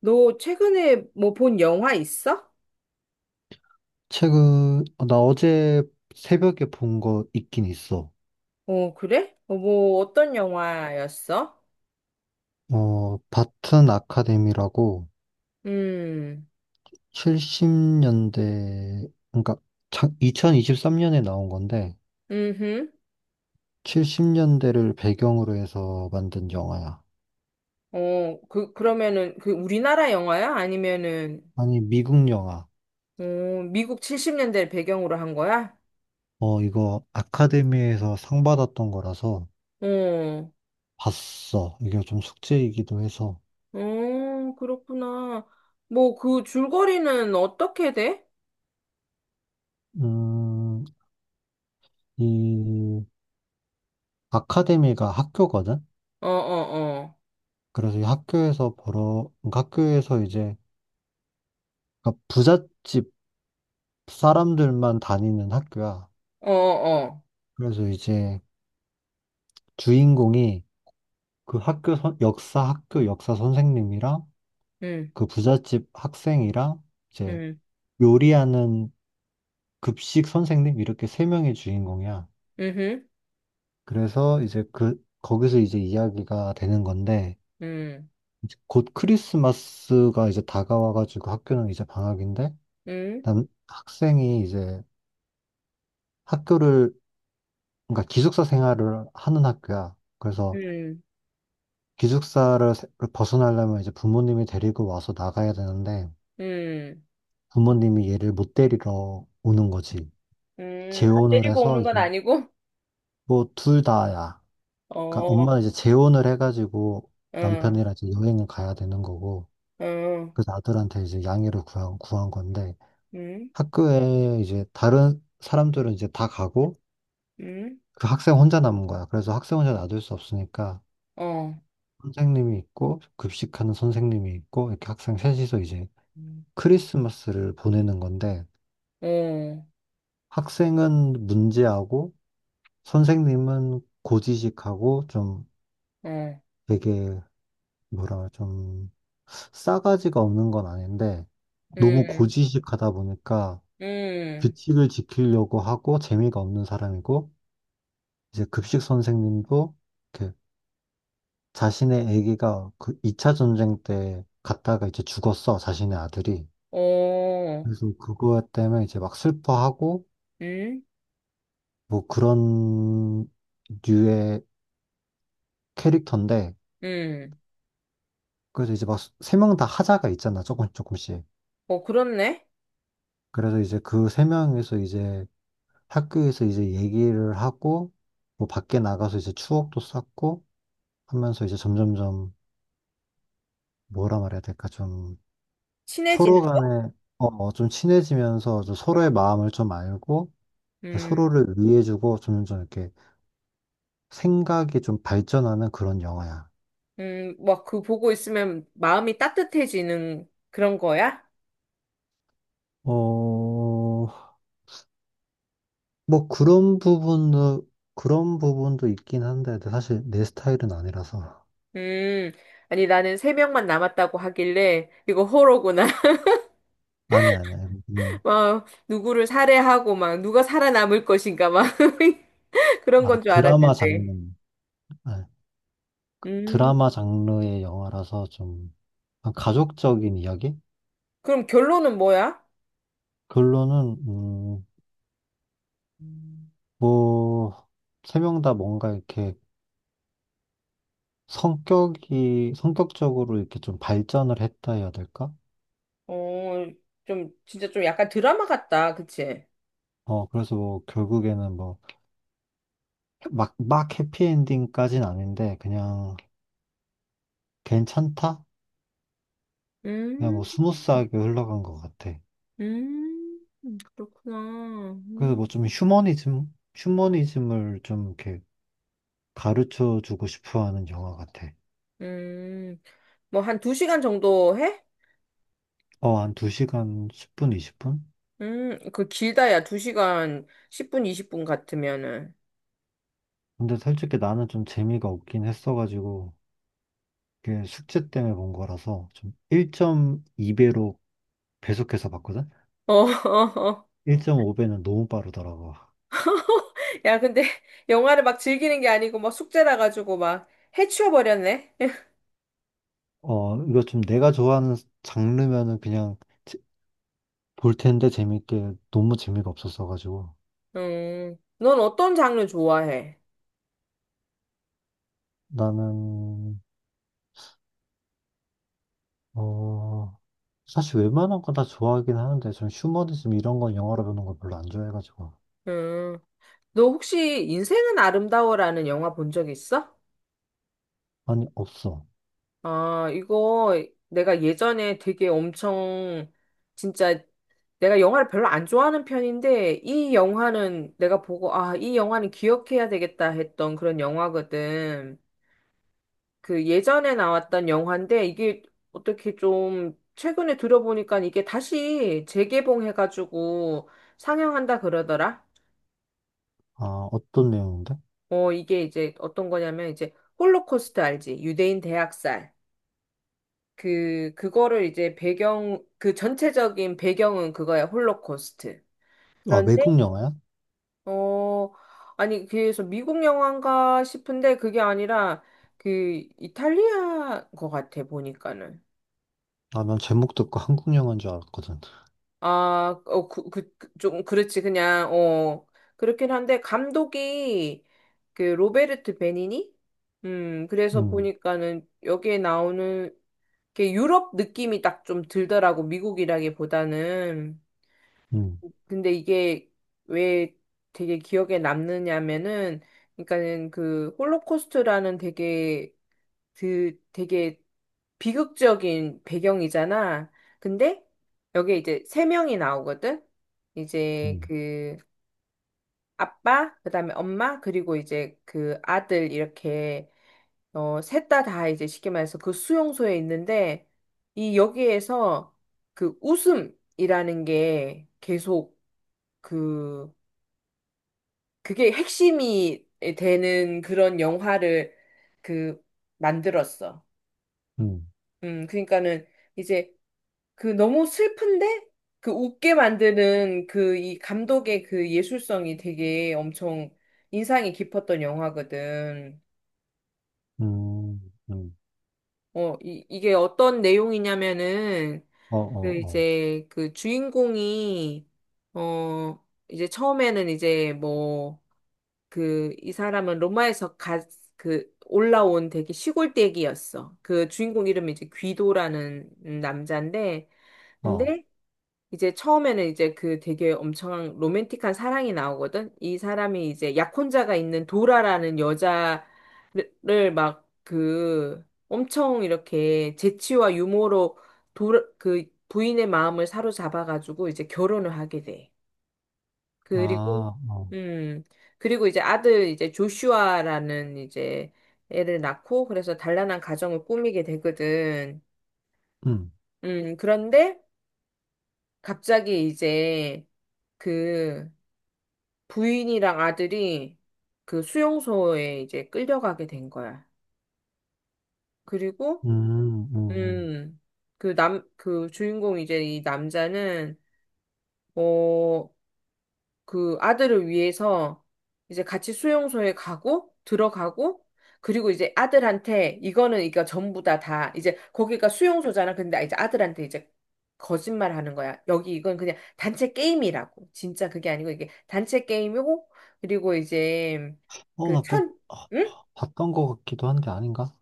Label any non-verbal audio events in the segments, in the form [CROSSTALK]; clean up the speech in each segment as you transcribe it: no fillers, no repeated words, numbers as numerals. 너 최근에 뭐 본 영화 있어? 책은 나 어제 새벽에 본 거 있긴 있어. 어, 그래? 뭐 어떤 영화였어? 바튼 아카데미라고 음, 70년대, 그러니까 2023년에 나온 건데 음흠. 70년대를 배경으로 해서 만든 영화야. 어, 그러면은 그 우리나라 영화야? 아니면은, 아니, 미국 영화. 어, 미국 70년대를 배경으로 한 거야? 이거 아카데미에서 상 받았던 거라서 어, 봤어. 이게 좀 숙제이기도 해서. 어, 그렇구나. 뭐 그 줄거리는 어떻게 돼? 음, 이 아카데미가 학교거든? 어, 어, 어, 그래서 이 학교에서 학교에서 이제 그러니까 부잣집 사람들만 다니는 학교야. 어, 어, 어. 그래서 이제 주인공이 그 역사 학교 역사 선생님이랑 음, 그 부잣집 학생이랑 이제 음, 요리하는 급식 선생님 이렇게 세 명의 주인공이야. 음흠, 그래서 이제 그 거기서 이제 이야기가 되는 건데 음, 이제 곧 크리스마스가 이제 다가와가지고 학교는 이제 방학인데 음, 남 학생이 이제 학교를 그러니까 기숙사 생활을 하는 학교야. 그래서 음, 기숙사를 세- 벗어나려면 이제 부모님이 데리고 와서 나가야 되는데 음, 부모님이 얘를 못 데리러 오는 거지. 아, 재혼을 때리고 해서 오는 건 아니고? 뭐 둘 다야. 그러니까 어, 엄마는 이제 재혼을 해가지고 응, 남편이랑 이제 여행을 가야 되는 거고 응, 그래서 아들한테 이제 양해를 구한 건데 응, 학교에 이제 다른 사람들은 이제 다 가고 응, 그 학생 혼자 남은 거야. 그래서 학생 혼자 놔둘 수 없으니까 어, 선생님이 있고 급식하는 선생님이 있고 이렇게 학생 셋이서 이제 음, 크리스마스를 보내는 건데 어, 학생은 문제하고 선생님은 고지식하고 좀 어, 되게 뭐라 그래, 좀 싸가지가 없는 건 아닌데 너무 응, 고지식하다 보니까 응, 규칙을 지키려고 하고 재미가 없는 사람이고 이제 급식 선생님도 이렇게 자신의 아기가 그 2차 전쟁 때 갔다가 이제 죽었어 자신의 아들이. 어, 그래서 그거 때문에 이제 막 슬퍼하고 응, 뭐 그런 류의 캐릭터인데. 응. 그래서 이제 막 세 명 다 하자가 있잖아 조금 조금씩. 어, 그렇네. 그래서 이제 그 세 명에서 이제 학교에서 이제 얘기를 하고 뭐 밖에 나가서 이제 추억도 쌓고 하면서 이제 점점점 뭐라 말해야 될까 좀 친해지는 서로 거? 간에 좀 친해지면서 좀 어, 서로의 마음을 좀 알고 음, 서로를 위해주고 점점 이렇게 생각이 좀 발전하는 그런 영화야. 막 그 보고 있으면 마음이 따뜻해지는 그런 거야? 어, 뭐 그런 부분도 있긴 한데 근데 사실 내 스타일은 아니라서. 음, 아니 나는 세 명만 남았다고 하길래 이거 호러구나. 아니, [LAUGHS] 그냥. 막 누구를 살해하고 막 누가 살아남을 것인가 막 [LAUGHS] 그런 아, 건 줄 드라마 장르. 알았는데. 네, 음. 드라마 장르의 영화라서 좀 가족적인 이야기. 그럼 결론은 뭐야? 그걸로는 음. 뭐세 명 다 뭔가 이렇게 성격이 성격적으로 이렇게 좀 발전을 했다 해야 될까? 어, 좀, 진짜 좀 약간 드라마 같다, 그치? 어, 그래서 뭐 결국에는 뭐 해피엔딩까지는 아닌데 그냥 괜찮다? 그냥 뭐 음, 스무스하게 흘러간 것 같아. 음, 그렇구나. 그래서 음, 뭐 좀 휴머니즘을 좀 이렇게 가르쳐 주고 싶어 하는 영화 같아. 음. 뭐, 한 두시간 정도 해? 어, 한 2시간 10분, 20분? 그 길다, 야. 두시간 10분, 20분 같으면은. 근데 솔직히 나는 좀 재미가 없긴 했어가지고, 그게 숙제 때문에 본 거라서 좀 1.2배로 배속해서 봤거든? 어, [LAUGHS] 어, 어. 1.5배는 너무 빠르더라고. 야, 근데 영화를 막 즐기는 게 아니고, 막 숙제라 가지고 막 해치워버렸네? [LAUGHS] 이거 좀 내가 좋아하는 장르면은 제- 볼 텐데 재밌게 너무 재미가 없었어가지고. 넌 어떤 장르 좋아해? 나는 어, 사실 웬만한 거 다 좋아하긴 하는데, 전 휴머니즘 이런 건 영화로 보는 걸 별로 안 좋아해가지고. 음. 너 혹시 인생은 아름다워라는 영화 본 적 있어? 아니, 없어. 아, 이거 내가 예전에 되게 엄청 진짜 내가 영화를 별로 안 좋아하는 편인데 이 영화는 내가 보고 아, 이 영화는 기억해야 되겠다 했던 그런 영화거든. 그 예전에 나왔던 영화인데 이게 어떻게 좀 최근에 들어보니까 이게 다시 재개봉해가지고 상영한다 그러더라. 아, 어떤 내용인데? 어, 이게 이제 어떤 거냐면 이제 홀로코스트 알지? 유대인 대학살. 그거를 이제 배경, 그 전체적인 배경은 그거야, 홀로코스트. 아, 그런데, 외국 영화야? 어, 아니, 그래서 미국 영화인가 싶은데 그게 아니라 그 이탈리아 거 같아, 보니까는. 아, 난 제목 듣고 [LAUGHS] 한국 영화인 줄 알았거든. 아, 어, 좀, 그렇지, 그냥, 어, 그렇긴 한데 감독이 그 로베르트 베니니? 그래서 음, 보니까는 여기에 나오는 게 유럽 느낌이 딱 좀 들더라고, 미국이라기보다는. 음, 근데 이게 왜 되게 기억에 남느냐면은, 그러니까는 그 홀로코스트라는 되게 그 되게 비극적인 배경이잖아. 근데 여기 이제 세 명이 나오거든. 이제 음, 그 아빠, 그다음에 엄마, 그리고 이제 그 아들 이렇게 어, 셋 다 이제 쉽게 말해서 그 수용소에 있는데 이 여기에서 그 웃음이라는 게 계속 그 그게 핵심이 되는 그런 영화를 그 만들었어. 음, 그러니까는 이제 그 너무 슬픈데 그 웃게 만드는 그 이 감독의 그 예술성이 되게 엄청 인상이 깊었던 영화거든. 음, 음. 어, 이게 어떤 내용이냐면은 어, 그 어, 이제 그 주인공이 어 이제 처음에는 이제 뭐 그, 이 사람은 로마에서 가, 그, 올라온 되게 시골댁이었어. 그 주인공 이름이 이제 귀도라는 남자인데, 어, 어. 근데 이제 처음에는 이제 그 되게 엄청 로맨틱한 사랑이 나오거든? 이 사람이 이제 약혼자가 있는 도라라는 여자를 막 그 엄청 이렇게 재치와 유머로 도, 그 부인의 마음을 사로잡아가지고 이제 결혼을 하게 돼. 그리고 아, 어. 음 그리고 이제 아들 이제 조슈아라는 이제 애를 낳고 그래서 단란한 가정을 꾸미게 되거든. 음, 그런데 갑자기 이제 그 부인이랑 아들이 그 수용소에 이제 끌려가게 된 거야. 그리고 음, 음, 음. 음 그 남 그 주인공 이제 이 남자는 어 그 아들을 위해서 이제 같이 수용소에 가고 들어가고 그리고 이제 아들한테 이거는 이거 전부 다 이제 거기가 수용소잖아. 근데 이제 아들한테 이제 거짓말 하는 거야. 여기 이건 그냥 단체 게임이라고. 진짜 그게 아니고 이게 단체 게임이고 그리고 이제 어, 그 나 그거 천, 아, 응? 봤던 것 같기도 한데 아닌가?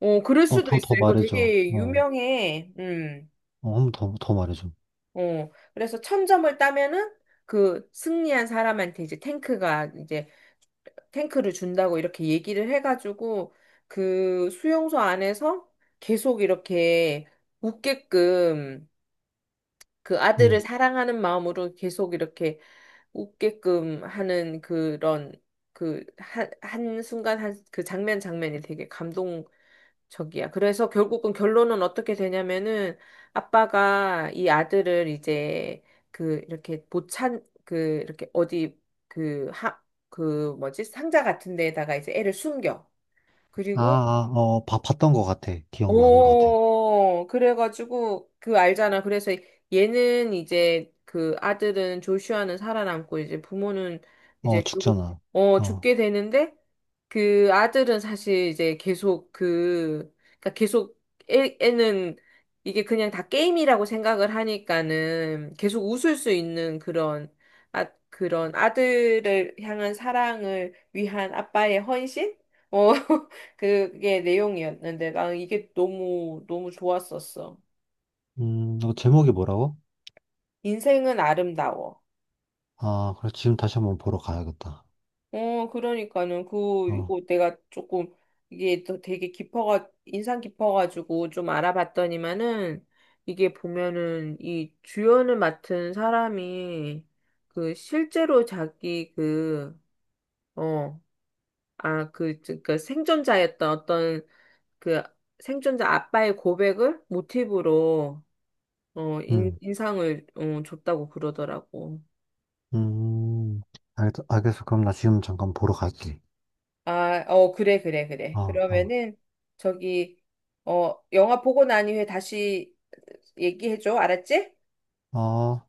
어, 그럴 어, 수도 있어. 더 이거 말해줘. 되게 어, 유명해. 음. 어, 한번더 더 말해줘. 어. 그래서 천 점을 따면은 그 승리한 사람한테 이제 탱크가 이제 탱크를 준다고 이렇게 얘기를 해가지고 그 수용소 안에서 계속 이렇게 웃게끔 그 아들을 음. 사랑하는 마음으로 계속 이렇게 웃게끔 하는 그런 그 한 순간 한 그 장면 장면이 되게 감동적이야. 그래서 결국은 결론은 어떻게 되냐면은 아빠가 이 아들을 이제 그 이렇게 보찬 그 이렇게 어디 그 하 그 뭐지 상자 같은 데에다가 이제 애를 숨겨. 아, 그리고 아, 어, 봤던 것 같아. 기억나는 것 같아. 어, 그래가지고, 그 알잖아. 그래서 얘는 이제 그 아들은 조슈아는 살아남고 이제 부모는 어, 이제 결국, 죽잖아. 어, 어, 죽게 되는데 그 아들은 사실 이제 계속 그, 그러니까 계속 애는 이게 그냥 다 게임이라고 생각을 하니까는 계속 웃을 수 있는 그런, 아, 그런 아들을 향한 사랑을 위한 아빠의 헌신? 어, [LAUGHS] 그게 내용이었는데 나는 이게 너무 좋았었어. 너 제목이 뭐라고? 인생은 아름다워. 아, 그래, 지금 다시 한번 보러 가야겠다. 어, 그러니까는 그 어, 이거 내가 조금 이게 또 되게 깊어가 인상 깊어가지고 좀 알아봤더니만은 이게 보면은 이 주연을 맡은 사람이 그 실제로 자기 그 어, 아, 그, 그 생존자였던 어떤 그 생존자 아빠의 고백을 모티브로 어, 음, 인상을 어, 줬다고 그러더라고. 음, 알겠어. 그럼 나 지금 잠깐 보러 갈게. 아, 어, 그래, 그래, 그래. 어, 어, 그러면은, 저기, 어, 영화 보고 난 이후에 다시 얘기해줘. 알았지? 어.